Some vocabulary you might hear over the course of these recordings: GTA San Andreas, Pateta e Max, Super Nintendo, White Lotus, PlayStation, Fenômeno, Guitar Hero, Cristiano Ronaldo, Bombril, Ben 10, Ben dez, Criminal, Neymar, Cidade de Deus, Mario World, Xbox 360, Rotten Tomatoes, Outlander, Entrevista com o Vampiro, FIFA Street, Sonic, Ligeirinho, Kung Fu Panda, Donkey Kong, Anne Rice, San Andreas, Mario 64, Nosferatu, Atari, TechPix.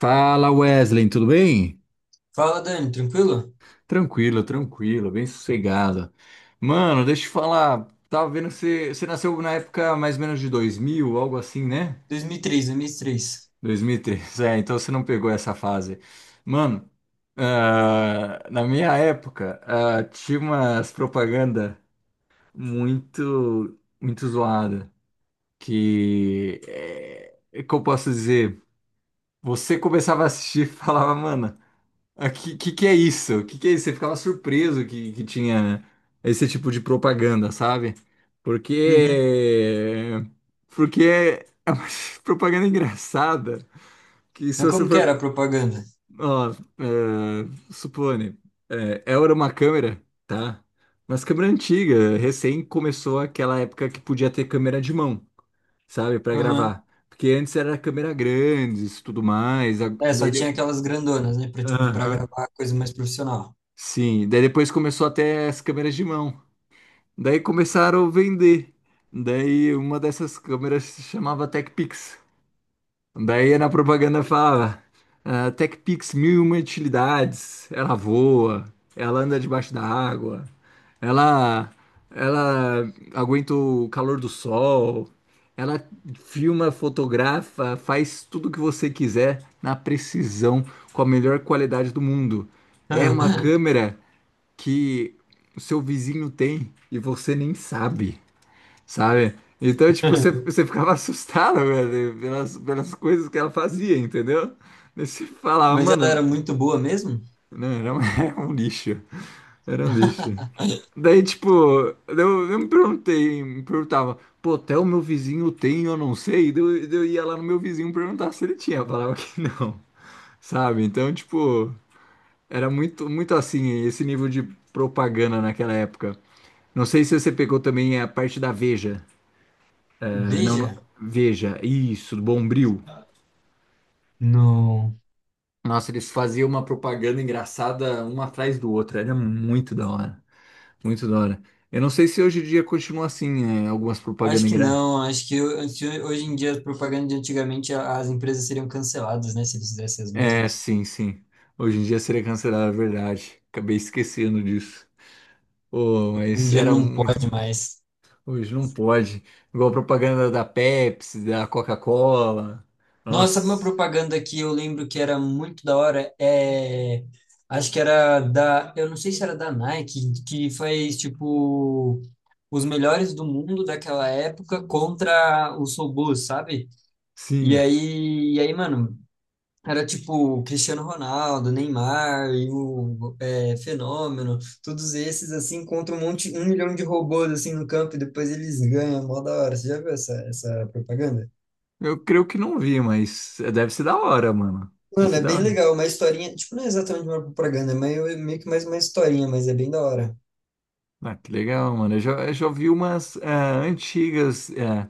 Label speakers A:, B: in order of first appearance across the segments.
A: Fala, Wesley, tudo bem?
B: Fala, Dani, tranquilo?
A: Tranquilo, tranquilo, bem sossegado. Mano, deixa eu te falar, tava vendo que você nasceu na época mais ou menos de 2000, algo assim, né?
B: 2003, 2003.
A: 2003, é, então você não pegou essa fase. Mano, na minha época, tinha umas propaganda muito, muito zoada, que, é, como eu posso dizer, você começava a assistir e falava, mano... Ah, que que é isso? O que que é isso? Você ficava surpreso que tinha esse tipo de propaganda, sabe? Porque
B: Uhum.
A: porque é uma propaganda engraçada que se
B: Mas
A: você
B: como que
A: for,
B: era a propaganda?
A: ó, supone, era uma câmera, tá? Mas câmera antiga, recém começou aquela época que podia ter câmera de mão, sabe, pra
B: Aham.
A: gravar. Porque antes era câmera grandes, e tudo mais.
B: É, só tinha aquelas grandonas, né? Pra, tipo, pra
A: Aham.
B: gravar coisa mais profissional.
A: Sim, daí depois começou até as câmeras de mão. Daí começaram a vender. Daí uma dessas câmeras se chamava TechPix. Daí na propaganda falava: ah, TechPix 1001 utilidades. Ela voa, ela anda debaixo da água, ela, ela aguenta o calor do sol, ela filma, fotografa, faz tudo o que você quiser na precisão, com a melhor qualidade do mundo. É uma câmera que o seu vizinho tem e você nem sabe, sabe? Então, tipo, você ficava assustado, velho, pelas coisas que ela fazia, entendeu? Daí você falava,
B: Mas ela
A: mano,
B: era muito boa mesmo?
A: não, era um, era um lixo, era um lixo. Daí, tipo, me perguntava, pô, até o meu vizinho tem, eu não sei. Daí eu ia lá no meu vizinho perguntar se ele tinha, falava que não, sabe? Então, tipo, era muito, muito assim, esse nível de propaganda naquela época. Não sei se você pegou também a parte da Veja. Ah, não-
B: Veja?
A: Veja, isso, do Bombril.
B: Não.
A: Nossa, eles faziam uma propaganda engraçada uma atrás do outro. Era muito da hora. Muito da hora. Eu não sei se hoje em dia continua assim, é, algumas
B: Acho
A: propagandas
B: que
A: engraçadas.
B: não. Acho que se hoje em dia, as propagandas de antigamente, as empresas seriam canceladas, né? Se eles fizessem as
A: É,
B: mesmas.
A: sim, sim. Hoje em dia seria cancelado, é verdade. Acabei esquecendo disso. Oh,
B: Hoje em
A: mas
B: dia
A: era
B: não
A: muito.
B: pode mais.
A: Hoje não pode. Igual propaganda da Pepsi, da Coca-Cola.
B: Nossa, uma
A: Nossa,
B: propaganda que eu lembro que era muito da hora é. Acho que era da. Eu não sei se era da Nike, que faz tipo. Os melhores do mundo daquela época contra os robôs, sabe? E
A: sim.
B: aí, e aí, mano, era tipo o Cristiano Ronaldo, Neymar e o Fenômeno, todos esses assim contra um monte, um milhão de robôs assim no campo e depois eles ganham, mó da hora. Você já viu essa propaganda?
A: Eu creio que não vi, mas deve ser da hora, mano. Deve
B: Mano,
A: ser
B: é
A: da
B: bem
A: hora.
B: legal, uma historinha, tipo, não é exatamente uma propaganda, é meio que mais uma historinha, mas é bem da hora.
A: Ah, que legal, mano. Eu já vi umas antigas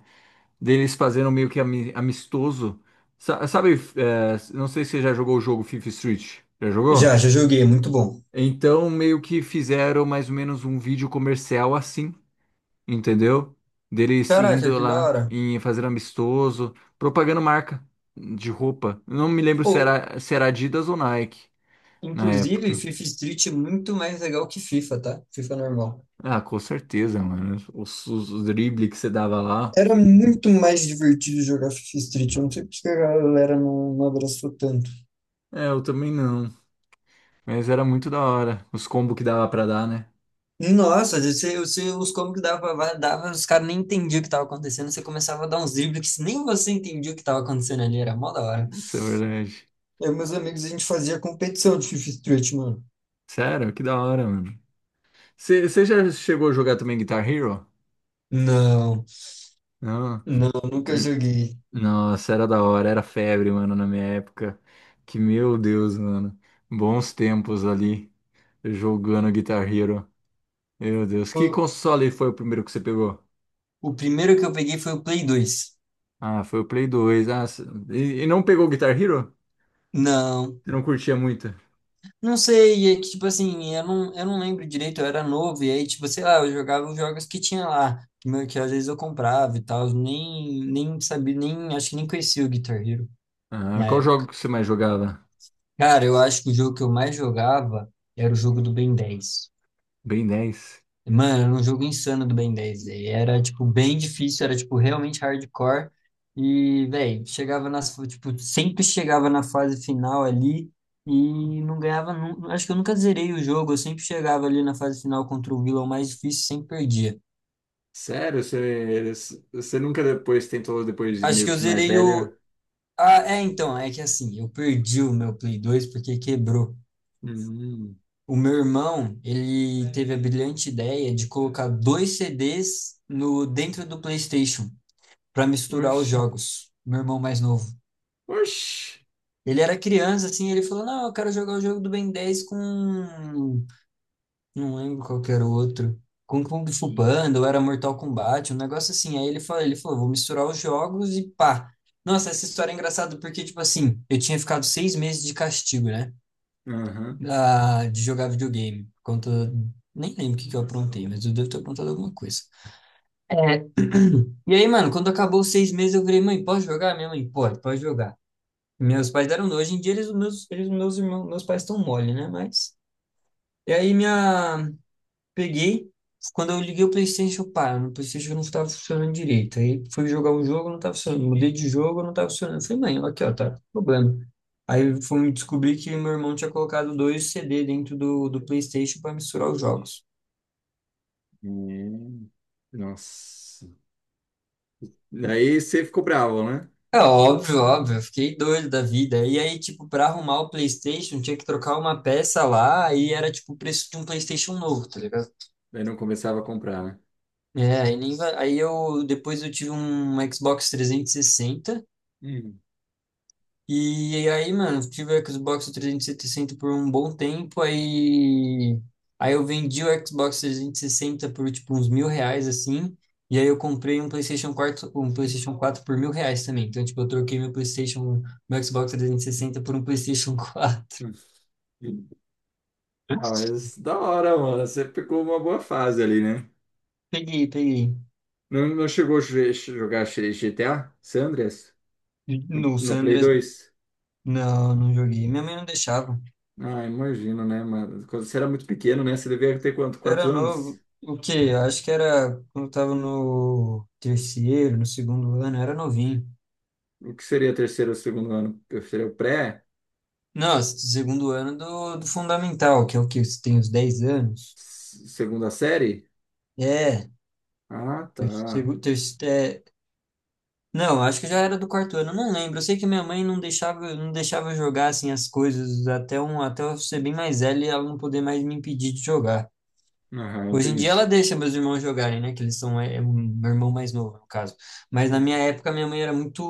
A: deles fazendo meio que amistoso. Sabe, não sei se você já jogou o jogo Fifth Street. Já
B: Já,
A: jogou?
B: já joguei, é muito bom.
A: Então, meio que fizeram mais ou menos um vídeo comercial assim, entendeu? Deles
B: Caraca,
A: indo
B: que da
A: lá
B: hora.
A: e fazendo amistoso, propagando marca de roupa. Não me lembro
B: Pô,
A: se era Adidas ou Nike na
B: inclusive,
A: época.
B: FIFA Street é muito mais legal que FIFA, tá? FIFA normal.
A: Ah, com certeza, mano. Os dribles que você dava lá.
B: Era muito mais divertido jogar FIFA Street, eu não sei porque a galera não, não abraçou tanto.
A: É, eu também não. Mas era muito da hora. Os combos que dava pra dar, né?
B: Nossa, você, os combos que dava, os caras nem entendiam o que tava acontecendo, você começava a dar uns dribles que nem você entendia o que tava acontecendo ali, era mó da hora.
A: Isso é verdade.
B: Eu e meus amigos, a gente fazia competição de FIFA Street, mano.
A: Sério, que da hora, mano. Você já chegou a jogar também Guitar Hero?
B: Não,
A: Não.
B: não, nunca
A: Hum,
B: joguei.
A: nossa, era da hora. Era febre, mano, na minha época. Que meu Deus, mano. Bons tempos ali. Jogando Guitar Hero. Meu Deus. Que
B: O,
A: console foi o primeiro que você pegou?
B: o primeiro que eu peguei foi o Play 2.
A: Ah, foi o Play 2. Ah, e não pegou Guitar Hero?
B: Não,
A: Você não curtia muito?
B: não sei, é que tipo assim, eu não lembro direito, eu era novo, e aí, tipo, sei lá, eu jogava os jogos que tinha lá, que, que às vezes eu comprava e tal, nem sabia, nem, acho que nem conhecia o Guitar Hero
A: Ah,
B: na
A: qual jogo
B: época.
A: que você mais jogava?
B: Cara, eu acho que o jogo que eu mais jogava era o jogo do Ben 10.
A: Ben 10.
B: Mano, era um jogo insano do Ben 10, velho. Era, tipo, bem difícil, era, tipo, realmente hardcore. E, velho, chegava nas, tipo, sempre chegava na fase final ali e não ganhava, acho que eu nunca zerei o jogo, eu sempre chegava ali na fase final contra o vilão mais difícil, e sempre perdia.
A: Sério, você nunca depois tentou, depois de
B: Acho que
A: meio
B: eu
A: que mais
B: zerei
A: velho?
B: o... Ah, é, então, é que assim, eu perdi o meu Play 2 porque quebrou.
A: Hum,
B: O meu irmão, ele teve a brilhante ideia de colocar dois CDs no dentro do PlayStation para misturar os
A: oxe,
B: jogos. Meu irmão mais novo.
A: oxe.
B: Ele era criança, assim, ele falou: Não, eu quero jogar o jogo do Ben 10 com. Não lembro qual que era o outro. Com Kung Fu Panda, ou era Mortal Kombat, um negócio assim. Aí ele falou: Vou misturar os jogos e pá. Nossa, essa história é engraçada porque, tipo assim, eu tinha ficado 6 meses de castigo, né?
A: Aham.
B: Da, de jogar videogame. Conta. Nem lembro o que que eu aprontei, mas eu devo ter aprontado alguma coisa. É, e aí, mano, quando acabou os 6 meses, eu falei: Mãe, posso jogar? Minha mãe, pode, pode jogar. Meus pais deram dois. Hoje em dia eles, meus irmãos, meus pais estão mole, né? Mas. E aí minha. Peguei. Quando eu liguei o PlayStation, pá, no PlayStation não estava funcionando direito. Aí fui jogar um jogo, não estava funcionando. Mudei de jogo, não estava funcionando. Eu falei, mãe, aqui, ó, tá problema. Aí fui descobrir que meu irmão tinha colocado dois CD dentro do, do PlayStation para misturar os jogos.
A: Hum, nossa. Daí você ficou bravo, né?
B: É óbvio, óbvio, eu fiquei doido da vida. E aí, tipo, pra arrumar o PlayStation, tinha que trocar uma peça lá e era, tipo, o preço de um PlayStation novo, tá ligado?
A: Daí não começava a comprar, né?
B: É, aí, nem aí eu depois eu tive um Xbox 360 e sessenta
A: Hum.
B: e aí, mano, eu tive o Xbox 360 por um bom tempo, aí eu vendi o Xbox 360 por tipo uns 1.000 reais assim, e aí eu comprei um PlayStation 4 por 1.000 reais também. Então, tipo, eu troquei meu PlayStation, meu Xbox 360 por um PlayStation 4
A: hum. Ah, mas da hora, mano. Você pegou uma boa fase ali, né?
B: Peguei, peguei.
A: Não, não chegou a jogar GTA San Andreas
B: No
A: no
B: San
A: Play
B: Andreas,
A: 2?
B: não, não joguei. Minha mãe não deixava.
A: Ah, imagino, né, mas quando você era muito pequeno, né? Você devia ter quanto?
B: Era
A: Quatro anos?
B: novo. O quê? Eu acho que era quando eu tava no terceiro, no segundo ano, eu era novinho.
A: O que seria terceiro ou segundo ano? Seria o pré?
B: Não, segundo ano do, do fundamental, que é o que você tem os 10 anos.
A: Segunda série?
B: É,
A: Ah, tá.
B: segundo, terceiro, não, acho que já era do quarto ano, eu não lembro. Eu sei que minha mãe não deixava, não deixava eu jogar assim as coisas até um, até eu ser bem mais velho e ela não poder mais me impedir de jogar.
A: Ah,
B: Hoje em
A: entendi.
B: dia ela deixa meus irmãos jogarem, né? Que eles são, é, meu irmão mais novo, no caso. Mas na minha época, minha mãe era muito,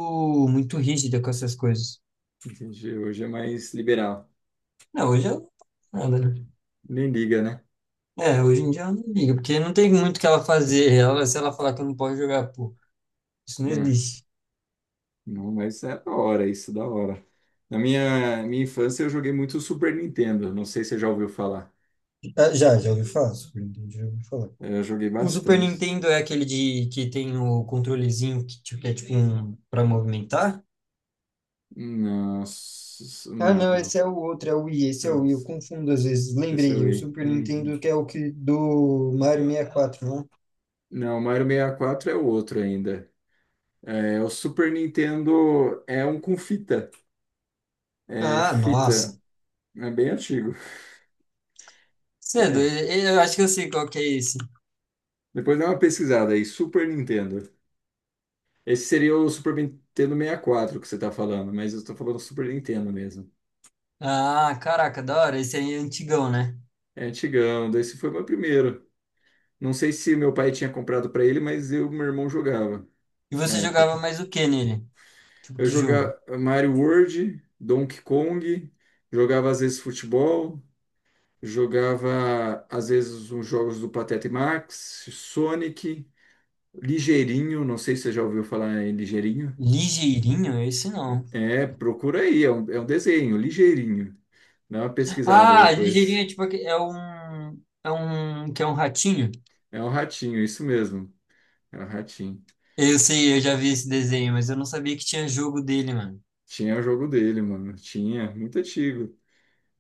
B: muito rígida com essas coisas.
A: Entendi. Hoje é mais liberal.
B: Não, hoje eu, nada, né?
A: Nem liga, né?
B: É, hoje em dia ela não liga, porque não tem muito o que ela fazer. Ela, se ela falar que eu não posso jogar, pô, isso não
A: Né?
B: existe.
A: Não, mas é da hora isso, da hora. Minha infância eu joguei muito Super Nintendo. Não sei se você já ouviu falar.
B: Ah, já, já ouvi falar, Super Nintendo, já ouvi falar.
A: Eu joguei
B: O Super
A: bastante.
B: Nintendo é aquele de que tem o controlezinho que, tipo, que é tipo um para movimentar?
A: Não,
B: Ah,
A: não,
B: não,
A: não.
B: esse é o outro, é o Wii, esse é o
A: Eu-
B: Wii, eu confundo às vezes.
A: esse eu
B: Lembrei, o
A: ia.
B: Super Nintendo que é o que do Mario 64, né?
A: Não, o Mario 64 é o outro ainda. É, o Super Nintendo é um com fita. É
B: Ah, nossa.
A: fita. É bem antigo.
B: Cedo,
A: É.
B: eu acho que eu sei qual que é esse.
A: Depois dá uma pesquisada aí. Super Nintendo. Esse seria o Super Nintendo 64 que você tá falando, mas eu tô falando Super Nintendo mesmo.
B: Ah, caraca, da hora, esse aí é antigão, né?
A: É antigão. Esse foi o meu primeiro. Não sei se meu pai tinha comprado pra ele, mas eu, e meu irmão jogava
B: E
A: na
B: você jogava
A: época.
B: mais o que nele? Tipo,
A: Eu
B: que jogo?
A: jogava Mario World, Donkey Kong, jogava às vezes futebol. Jogava, às vezes, uns jogos do Pateta e Max, Sonic, Ligeirinho, não sei se você já ouviu falar em Ligeirinho.
B: Ligeirinho? Esse não.
A: É, procura aí, é um desenho, Ligeirinho. Dá uma pesquisada
B: Ah, ligeirinho
A: depois.
B: é tipo, é um, que é um ratinho.
A: É um ratinho, isso mesmo. É um ratinho.
B: Eu sei, eu já vi esse desenho, mas eu não sabia que tinha jogo dele, mano.
A: Tinha o jogo dele, mano. Tinha, muito antigo.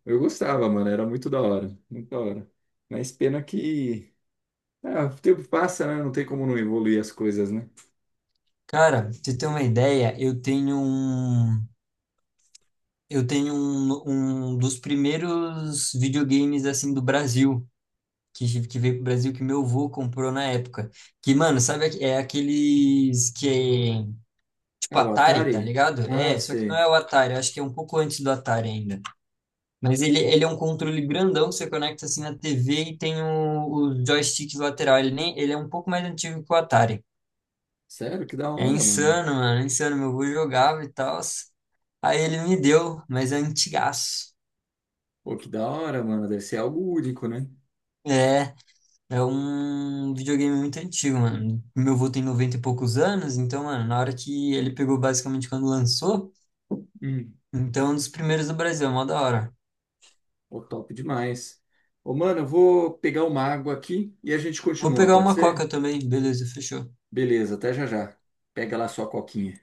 A: Eu gostava, mano, era muito da hora, muito da hora. Mas pena que... Ah, o tempo passa, né? Não tem como não evoluir as coisas, né?
B: Cara, pra você ter uma ideia, eu tenho um. Eu tenho um, um dos primeiros videogames assim do Brasil, que veio pro Brasil, que meu avô comprou na época. Que, mano, sabe, é aqueles que é
A: É
B: tipo
A: o
B: Atari, tá
A: Atari?
B: ligado?
A: Ah,
B: É, só que não
A: sei.
B: é o Atari, acho que é um pouco antes do Atari ainda. Mas ele é um controle grandão que você conecta assim na TV e tem o joystick lateral. Ele, nem, ele é um pouco mais antigo que o Atari.
A: Sério? Que da
B: É
A: hora, mano.
B: insano, mano, é insano. Meu avô jogava e tal. Aí ele me deu, mas é antigaço.
A: Pô, que da hora, mano. Deve ser algo único, né?
B: É. É um videogame muito antigo, mano. Meu avô tem 90 e poucos anos, então, mano, na hora que ele pegou basicamente quando lançou,
A: Hum,
B: então é um dos primeiros do Brasil, é mó da hora.
A: pô, top demais. Ô, mano, eu vou pegar uma água aqui e a gente
B: Vou
A: continua,
B: pegar
A: pode
B: uma
A: ser?
B: coca também, beleza, fechou.
A: Beleza, até já já. Pega lá sua coquinha.